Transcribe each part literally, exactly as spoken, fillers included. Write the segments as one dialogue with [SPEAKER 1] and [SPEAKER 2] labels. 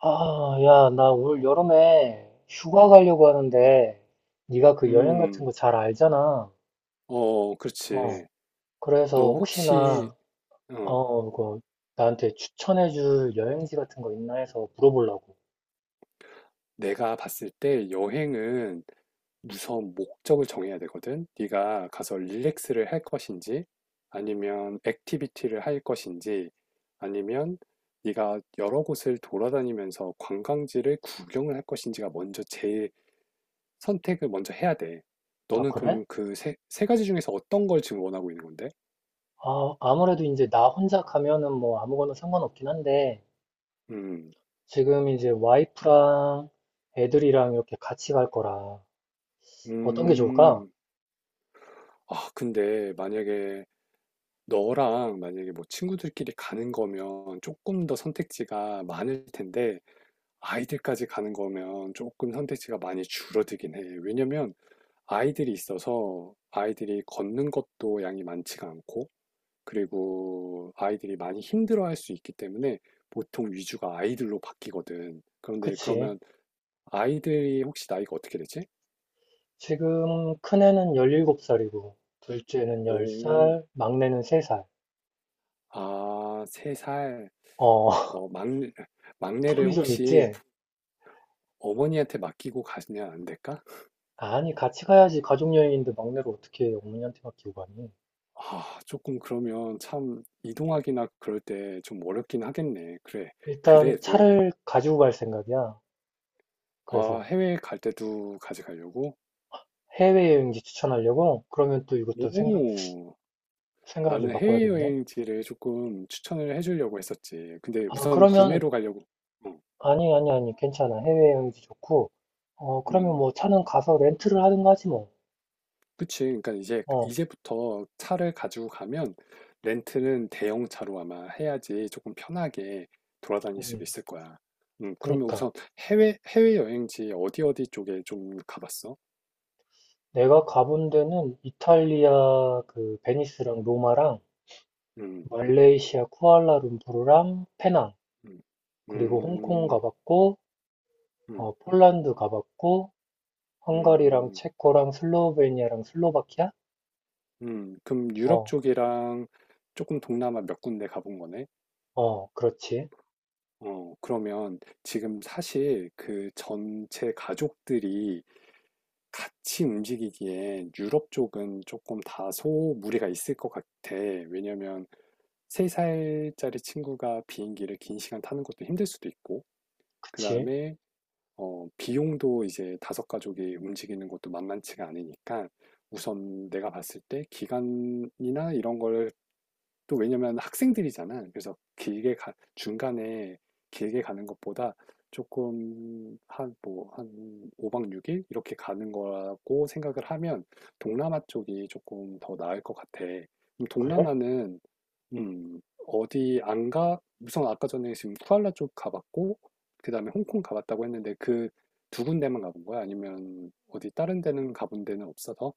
[SPEAKER 1] 아, 야, 나 올 여름에 휴가 가려고 하는데 네가 그 여행 같은
[SPEAKER 2] 음,
[SPEAKER 1] 거 잘 알잖아.
[SPEAKER 2] 어, 그렇지.
[SPEAKER 1] 어, 그래서
[SPEAKER 2] 너 혹시,
[SPEAKER 1] 혹시나
[SPEAKER 2] 어,
[SPEAKER 1] 어, 그 나한테 추천해줄 여행지 같은 거 있나 해서 물어보려고.
[SPEAKER 2] 내가 봤을 때 여행은 우선 목적을 정해야 되거든? 네가 가서 릴렉스를 할 것인지, 아니면 액티비티를 할 것인지, 아니면 네가 여러 곳을 돌아다니면서 관광지를 구경을 할 것인지가 먼저 제일 선택을 먼저 해야 돼.
[SPEAKER 1] 아,
[SPEAKER 2] 너는
[SPEAKER 1] 그래?
[SPEAKER 2] 그럼 그 세, 세 가지 중에서 어떤 걸 지금 원하고 있는 건데?
[SPEAKER 1] 아, 아무래도 이제 나 혼자 가면은 뭐 아무거나 상관없긴 한데
[SPEAKER 2] 음,
[SPEAKER 1] 지금 이제 와이프랑 애들이랑 이렇게 같이 갈 거라 어떤 게 좋을까?
[SPEAKER 2] 음. 아, 근데 만약에 너랑 만약에 뭐 친구들끼리 가는 거면 조금 더 선택지가 많을 텐데 아이들까지 가는 거면 조금 선택지가 많이 줄어들긴 해. 왜냐면 아이들이 있어서 아이들이 걷는 것도 양이 많지가 않고 그리고 아이들이 많이 힘들어할 수 있기 때문에 보통 위주가 아이들로 바뀌거든. 그런데
[SPEAKER 1] 그치?
[SPEAKER 2] 그러면 아이들이 혹시 나이가 어떻게 되지?
[SPEAKER 1] 지금 큰애는 열일곱 살이고 둘째는 열
[SPEAKER 2] 오,
[SPEAKER 1] 살 막내는 세살.
[SPEAKER 2] 아, 세 살.
[SPEAKER 1] 어,
[SPEAKER 2] 어, 막내, 막내를
[SPEAKER 1] 텀이 좀
[SPEAKER 2] 혹시
[SPEAKER 1] 있지?
[SPEAKER 2] 어머니한테 맡기고 가시면 안 될까?
[SPEAKER 1] 아니, 같이 가야지. 가족 여행인데 막내를 어떻게 어머니한테 맡기고 가니?
[SPEAKER 2] 아, 조금 그러면 참 이동하기나 그럴 때 좀 어렵긴 하겠네. 그래.
[SPEAKER 1] 일단
[SPEAKER 2] 그래도
[SPEAKER 1] 차를 가지고 갈 생각이야.
[SPEAKER 2] 아,
[SPEAKER 1] 그래서
[SPEAKER 2] 해외 갈 때도 가져가려고?
[SPEAKER 1] 해외여행지 추천하려고? 그러면 또 이것도 생각,
[SPEAKER 2] 오,
[SPEAKER 1] 생각을 좀
[SPEAKER 2] 나는
[SPEAKER 1] 바꿔야겠네.
[SPEAKER 2] 해외여행지를 조금 추천을 해주려고 했었지. 근데
[SPEAKER 1] 아,
[SPEAKER 2] 우선
[SPEAKER 1] 그러면,
[SPEAKER 2] 국내로 가려고. 어,
[SPEAKER 1] 아니, 아니, 아니, 괜찮아. 해외여행지 좋고. 어, 그러면
[SPEAKER 2] 음.
[SPEAKER 1] 뭐 차는 가서 렌트를 하든가 하지 뭐.
[SPEAKER 2] 그치. 그러니까 이제 그,
[SPEAKER 1] 어,
[SPEAKER 2] 이제부터 차를 가지고 가면 렌트는 대형차로 아마 해야지 조금 편하게 돌아다닐 수
[SPEAKER 1] 음,
[SPEAKER 2] 있을 거야. 음, 그러면
[SPEAKER 1] 그니까.
[SPEAKER 2] 우선 해외 해외 여행지 어디 어디 쪽에 좀 가봤어?
[SPEAKER 1] 내가 가본 데는 이탈리아 그 베니스랑 로마랑
[SPEAKER 2] 음,
[SPEAKER 1] 말레이시아 쿠알라룸푸르랑 페낭.
[SPEAKER 2] 음,
[SPEAKER 1] 그리고 홍콩
[SPEAKER 2] 음,
[SPEAKER 1] 가봤고,
[SPEAKER 2] 음,
[SPEAKER 1] 어, 폴란드 가봤고, 헝가리랑
[SPEAKER 2] 음,
[SPEAKER 1] 체코랑 슬로베니아랑 슬로바키아?
[SPEAKER 2] 음. 그럼 유럽
[SPEAKER 1] 어,
[SPEAKER 2] 쪽이랑 조금 동남아 몇 군데 가본 거네?
[SPEAKER 1] 어, 그렇지.
[SPEAKER 2] 어, 그러면 지금 사실 그 전체 가족들이 같이 움직이기에 유럽 쪽은 조금 다소 무리가 있을 것 같아. 왜냐면 세 살짜리 친구가 비행기를 긴 시간 타는 것도 힘들 수도 있고, 그
[SPEAKER 1] 그치.
[SPEAKER 2] 다음에 어, 비용도 이제 다섯 가족이 움직이는 것도 만만치가 않으니까 우선 내가 봤을 때 기간이나 이런 걸 또 왜냐면 학생들이잖아. 그래서 길게 가, 중간에 길게 가는 것보다 조금 한 뭐 한 오 박 육 일 이렇게 가는 거라고 생각을 하면 동남아 쪽이 조금 더 나을 것 같아. 그럼
[SPEAKER 1] 그래?
[SPEAKER 2] 동남아는 음, 어디 안 가? 우선 아까 전에 지금 쿠알라 쪽 가봤고 그다음에 홍콩 가봤다고 했는데 그 두 군데만 가본 거야? 아니면 어디 다른 데는 가본 데는 없어서?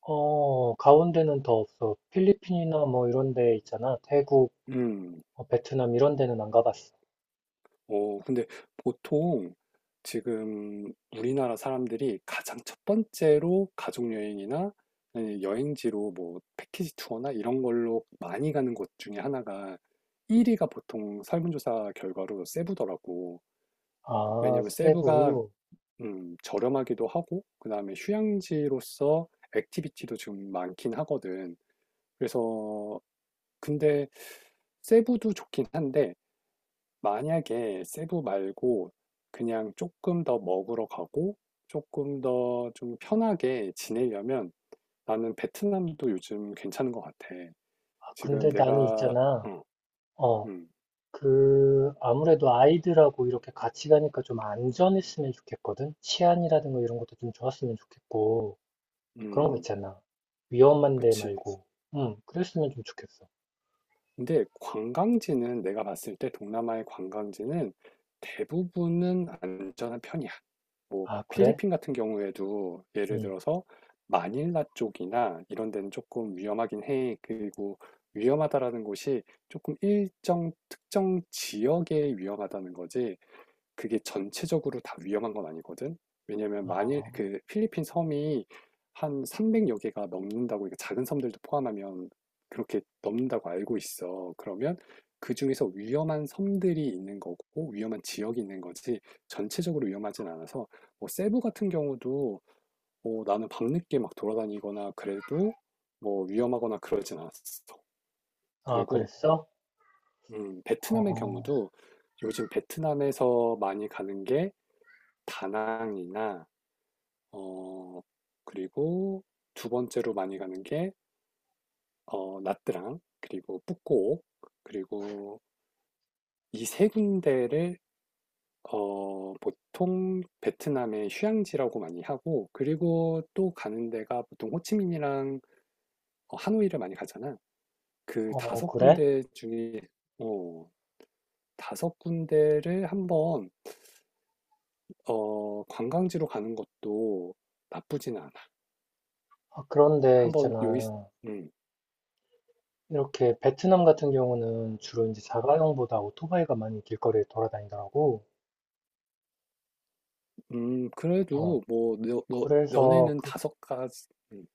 [SPEAKER 1] 어, 가운데는 더 없어. 필리핀이나 뭐 이런 데 있잖아. 태국,
[SPEAKER 2] 음.
[SPEAKER 1] 어, 베트남 이런 데는 안 가봤어.
[SPEAKER 2] 어, 근데 보통 지금 우리나라 사람들이 가장 첫 번째로 가족여행이나 아니면 여행지로 뭐 패키지 투어나 이런 걸로 많이 가는 곳 중에 하나가 일 위가 보통 설문조사 결과로 세부더라고.
[SPEAKER 1] 아,
[SPEAKER 2] 왜냐면 세부가
[SPEAKER 1] 세부.
[SPEAKER 2] 음, 저렴하기도 하고, 그 다음에 휴양지로서 액티비티도 좀 많긴 하거든. 그래서, 근데 세부도 좋긴 한데, 만약에 세부 말고 그냥 조금 더 먹으러 가고 조금 더 좀 편하게 지내려면 나는 베트남도 요즘 괜찮은 것 같아.
[SPEAKER 1] 아,
[SPEAKER 2] 지금
[SPEAKER 1] 근데 나는
[SPEAKER 2] 내가,
[SPEAKER 1] 있잖아.
[SPEAKER 2] 어,
[SPEAKER 1] 어,
[SPEAKER 2] 음,
[SPEAKER 1] 그, 아무래도 아이들하고 이렇게 같이 가니까 좀 안전했으면 좋겠거든? 치안이라든가 이런 것도 좀 좋았으면 좋겠고. 그런 거
[SPEAKER 2] 음,
[SPEAKER 1] 있잖아. 위험한데
[SPEAKER 2] 그치.
[SPEAKER 1] 말고. 응, 그랬으면 좀 좋겠어.
[SPEAKER 2] 근데 관광지는 내가 봤을 때 동남아의 관광지는 대부분은 안전한 편이야. 뭐
[SPEAKER 1] 아, 그래?
[SPEAKER 2] 필리핀 같은 경우에도 예를
[SPEAKER 1] 응.
[SPEAKER 2] 들어서 마닐라 쪽이나 이런 데는 조금 위험하긴 해. 그리고 위험하다라는 곳이 조금 일정 특정 지역에 위험하다는 거지. 그게 전체적으로 다 위험한 건 아니거든. 왜냐면 만일
[SPEAKER 1] 어,
[SPEAKER 2] 그 필리핀 섬이 한 삼백여 개가 넘는다고, 그러니까 작은 섬들도 포함하면 그렇게 넘는다고 알고 있어. 그러면 그 중에서 위험한 섬들이 있는 거고, 위험한 지역이 있는 거지, 전체적으로 위험하진 않아서, 뭐, 세부 같은 경우도, 뭐, 나는 밤늦게 막 돌아다니거나 그래도, 뭐, 위험하거나 그러진 않았어.
[SPEAKER 1] 아,
[SPEAKER 2] 그리고,
[SPEAKER 1] 그랬어?
[SPEAKER 2] 음, 베트남의
[SPEAKER 1] 어,
[SPEAKER 2] 경우도 요즘 베트남에서 많이 가는 게 다낭이나 어 그리고 두 번째로 많이 가는 게 어, 나트랑 그리고 뿌꼬 그리고 이 세 군데를 어, 보통 베트남의 휴양지라고 많이 하고 그리고 또 가는 데가 보통 호치민이랑 어, 하노이를 많이 가잖아. 그
[SPEAKER 1] 어,
[SPEAKER 2] 다섯
[SPEAKER 1] 그래?
[SPEAKER 2] 군데 중에 어, 다섯 군데를 한번 어, 관광지로 가는 것도 나쁘진 않아.
[SPEAKER 1] 아, 그런데
[SPEAKER 2] 한번 여기
[SPEAKER 1] 있잖아.
[SPEAKER 2] 음,
[SPEAKER 1] 이렇게 베트남 같은 경우는 주로 이제 자가용보다 오토바이가 많이 길거리에 돌아다니더라고.
[SPEAKER 2] 음,
[SPEAKER 1] 어,
[SPEAKER 2] 그래도 뭐, 너, 너,
[SPEAKER 1] 그래서,
[SPEAKER 2] 너네는
[SPEAKER 1] 그,
[SPEAKER 2] 다섯 가지, 음,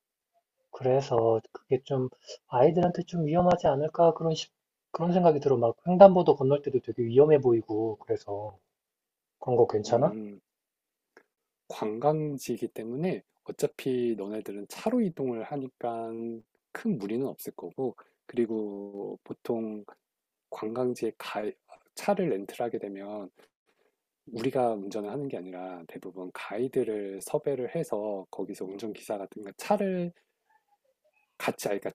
[SPEAKER 1] 그래서 그게 좀 아이들한테 좀 위험하지 않을까? 그런 식 그런 생각이 들어. 막 횡단보도 건널 때도 되게 위험해 보이고, 그래서. 그런 거 괜찮아?
[SPEAKER 2] 음, 관광지이기 때문에 어차피 너네들은 차로 이동을 하니까 큰 무리는 없을 거고, 그리고 보통 관광지에 가, 차를 렌트를 하게 되면 우리가 운전을 하는 게 아니라 대부분 가이드를 섭외를 해서 거기서 운전기사 같은 거 차를 같이 아 그러니까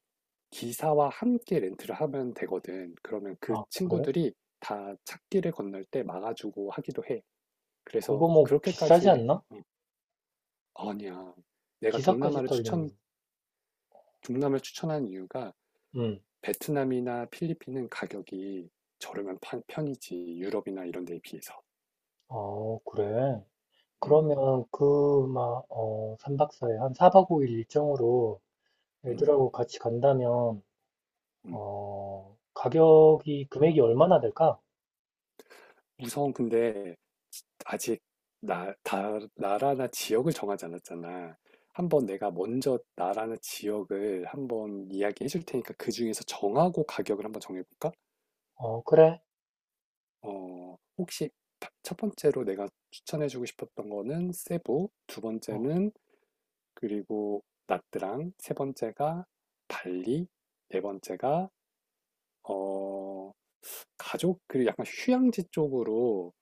[SPEAKER 2] 기사와 함께 렌트를 하면 되거든. 그러면 그
[SPEAKER 1] 아, 그래?
[SPEAKER 2] 친구들이 다 찾기를 건널 때 막아주고 하기도 해. 그래서
[SPEAKER 1] 그거 뭐 비싸지
[SPEAKER 2] 그렇게까지
[SPEAKER 1] 않나?
[SPEAKER 2] 음, 아니야. 내가
[SPEAKER 1] 기사까지
[SPEAKER 2] 동남아를 추천
[SPEAKER 1] 떨리면.
[SPEAKER 2] 동남아를 추천한 이유가
[SPEAKER 1] 음.
[SPEAKER 2] 베트남이나 필리핀은 가격이 저렴한 판- 편이지 유럽이나 이런 데에 비해서.
[SPEAKER 1] 어, 그래.
[SPEAKER 2] 음,
[SPEAKER 1] 그러면 그, 막, 어, 삼박 사 일한 사 박 오 일 일정으로
[SPEAKER 2] 음,
[SPEAKER 1] 애들하고 같이 간다면,
[SPEAKER 2] 음.
[SPEAKER 1] 어, 가격이, 금액이 얼마나 될까?
[SPEAKER 2] 우선 근데 아직 나, 다, 나라나 지역을 정하지 않았잖아. 한번 내가 먼저 나라나 지역을 한번 이야기해 줄 테니까 그 중에서 정하고 가격을 한번 정해볼까?
[SPEAKER 1] 어, 그래.
[SPEAKER 2] 어, 혹시 다- 첫 번째로 내가 추천해주고 싶었던 거는 세부, 두
[SPEAKER 1] 어,
[SPEAKER 2] 번째는 그리고 나트랑, 세 번째가 발리, 네 번째가 어, 가족, 그리고 약간 휴양지 쪽으로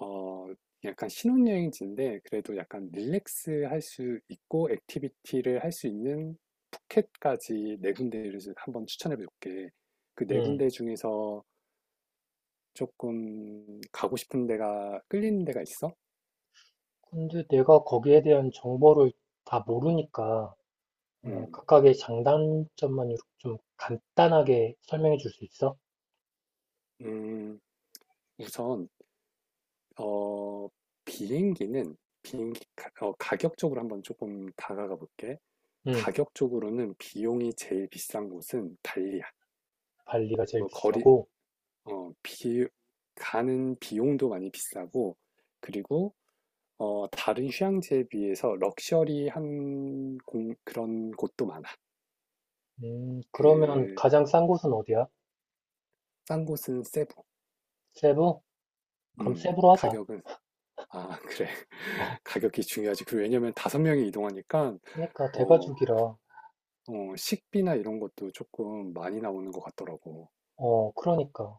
[SPEAKER 2] 어, 약간 신혼여행지인데 그래도 약간 릴렉스 할 수 있고 액티비티를 할 수 있는 푸켓까지 네 군데를 한번 추천해 볼게. 그 네
[SPEAKER 1] 음.
[SPEAKER 2] 군데 중에서 조금 가고 싶은 데가 끌리는 데가 있어?
[SPEAKER 1] 근데 내가 거기에 대한 정보를 다 모르니까, 어,
[SPEAKER 2] 음,
[SPEAKER 1] 각각의 장단점만 이렇게 좀 간단하게 설명해 줄 수 있어?
[SPEAKER 2] 음, 우선 어, 비행기는 비행기 가, 어, 가격 쪽으로 한번 조금 다가가 볼게.
[SPEAKER 1] 응.
[SPEAKER 2] 가격 쪽으로는 비용이 제일 비싼 곳은 발리야.
[SPEAKER 1] 발리가 제일
[SPEAKER 2] 뭐 거리
[SPEAKER 1] 비싸고,
[SPEAKER 2] 어, 비, 가는 비용도 많이 비싸고, 그리고, 어, 다른 휴양지에 비해서 럭셔리한 공- 그런 곳도 많아.
[SPEAKER 1] 음, 그러면
[SPEAKER 2] 그,
[SPEAKER 1] 가장 싼 곳은 어디야?
[SPEAKER 2] 싼 곳은 세부.
[SPEAKER 1] 세부? 그럼
[SPEAKER 2] 음,
[SPEAKER 1] 세부로 하자.
[SPEAKER 2] 가격은, 아, 그래. 가격이 중요하지. 그리고 왜냐면 다섯 명이 이동하니까,
[SPEAKER 1] 그러니까
[SPEAKER 2] 어,
[SPEAKER 1] 대가족이라
[SPEAKER 2] 어, 식비나 이런 것도 조금 많이 나오는 것 같더라고.
[SPEAKER 1] 어 그러니까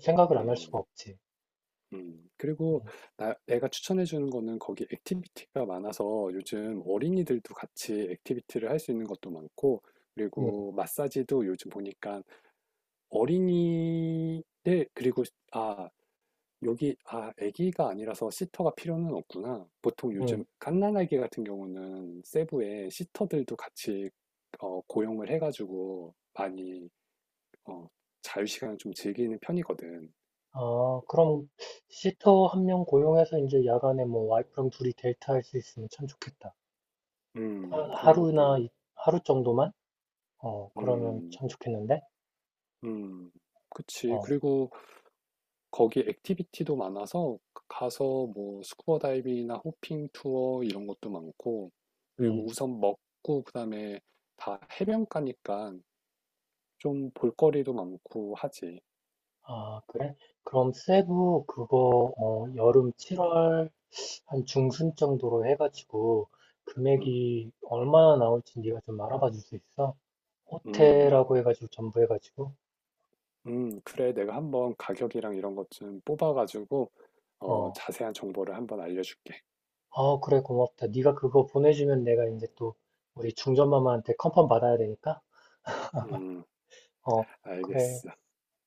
[SPEAKER 1] 생각을 안 할 수가
[SPEAKER 2] 음.
[SPEAKER 1] 없지.
[SPEAKER 2] 음, 그리고
[SPEAKER 1] 응,
[SPEAKER 2] 나, 내가 추천해 주는 거는 거기 액티비티가 많아서 요즘 어린이들도 같이 액티비티를 할 수 있는 것도 많고,
[SPEAKER 1] 응,
[SPEAKER 2] 그리고 마사지도 요즘 보니까 어린이들, 그리고, 아, 여기, 아, 아기가 아니라서 시터가 필요는 없구나. 보통 요즘
[SPEAKER 1] 응.
[SPEAKER 2] 갓난아기 같은 경우는 세부에 시터들도 같이 어, 고용을 해가지고 많이 어, 자유시간을 좀 즐기는 편이거든.
[SPEAKER 1] 아 그럼 시터 한 명 고용해서 이제 야간에 뭐 와이프랑 둘이 데이트할 수 있으면 참 좋겠다.
[SPEAKER 2] 음,
[SPEAKER 1] 하-
[SPEAKER 2] 그런
[SPEAKER 1] 하루나
[SPEAKER 2] 것도,
[SPEAKER 1] 이- 하루 정도만? 어 그러면
[SPEAKER 2] 음.
[SPEAKER 1] 참 좋겠는데?
[SPEAKER 2] 음. 그치.
[SPEAKER 1] 어,
[SPEAKER 2] 그리고 거기 액티비티도 많아서 가서 뭐 스쿠버 다이빙이나 호핑 투어 이런 것도 많고 그리고
[SPEAKER 1] 음.
[SPEAKER 2] 우선 먹고 그다음에 다 해변가니까 좀 볼거리도 많고 하지.
[SPEAKER 1] 아 그래? 그럼 세부 그거 어 여름 칠월 한 중순 정도로 해가지고
[SPEAKER 2] 음.
[SPEAKER 1] 금액이 얼마나 나올지 네가 좀 알아봐 줄 수 있어?
[SPEAKER 2] 음.
[SPEAKER 1] 호텔하고 해가지고 전부 해가지고.
[SPEAKER 2] 음. 그래. 내가 한번 가격이랑 이런 것 좀 뽑아가지고 어,
[SPEAKER 1] 어,
[SPEAKER 2] 자세한 정보를 한번 알려줄게.
[SPEAKER 1] 어, 그래, 고맙다. 네가 그거 보내주면 내가 이제 또 우리 중전마마한테 컨펌 받아야 되니까.
[SPEAKER 2] 음.
[SPEAKER 1] 어, 그래.
[SPEAKER 2] 알겠어.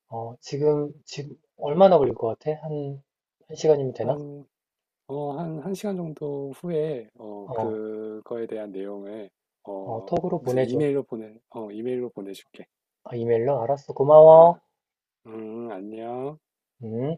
[SPEAKER 1] 어, 지금, 지금 얼마나 걸릴 것 같아? 한, 한 시간이면 되나?
[SPEAKER 2] 한 어, 한, 한 시간 정도 후에, 어,
[SPEAKER 1] 어,
[SPEAKER 2] 그거에 대한 내용을,
[SPEAKER 1] 어,
[SPEAKER 2] 어,
[SPEAKER 1] 톡으로
[SPEAKER 2] 무슨
[SPEAKER 1] 보내줘.
[SPEAKER 2] 이메일로 보내, 어, 이메일로 보내줄게.
[SPEAKER 1] 아, 이메일로? 알았어. 고마워.
[SPEAKER 2] 응, 음, 안녕.
[SPEAKER 1] 음.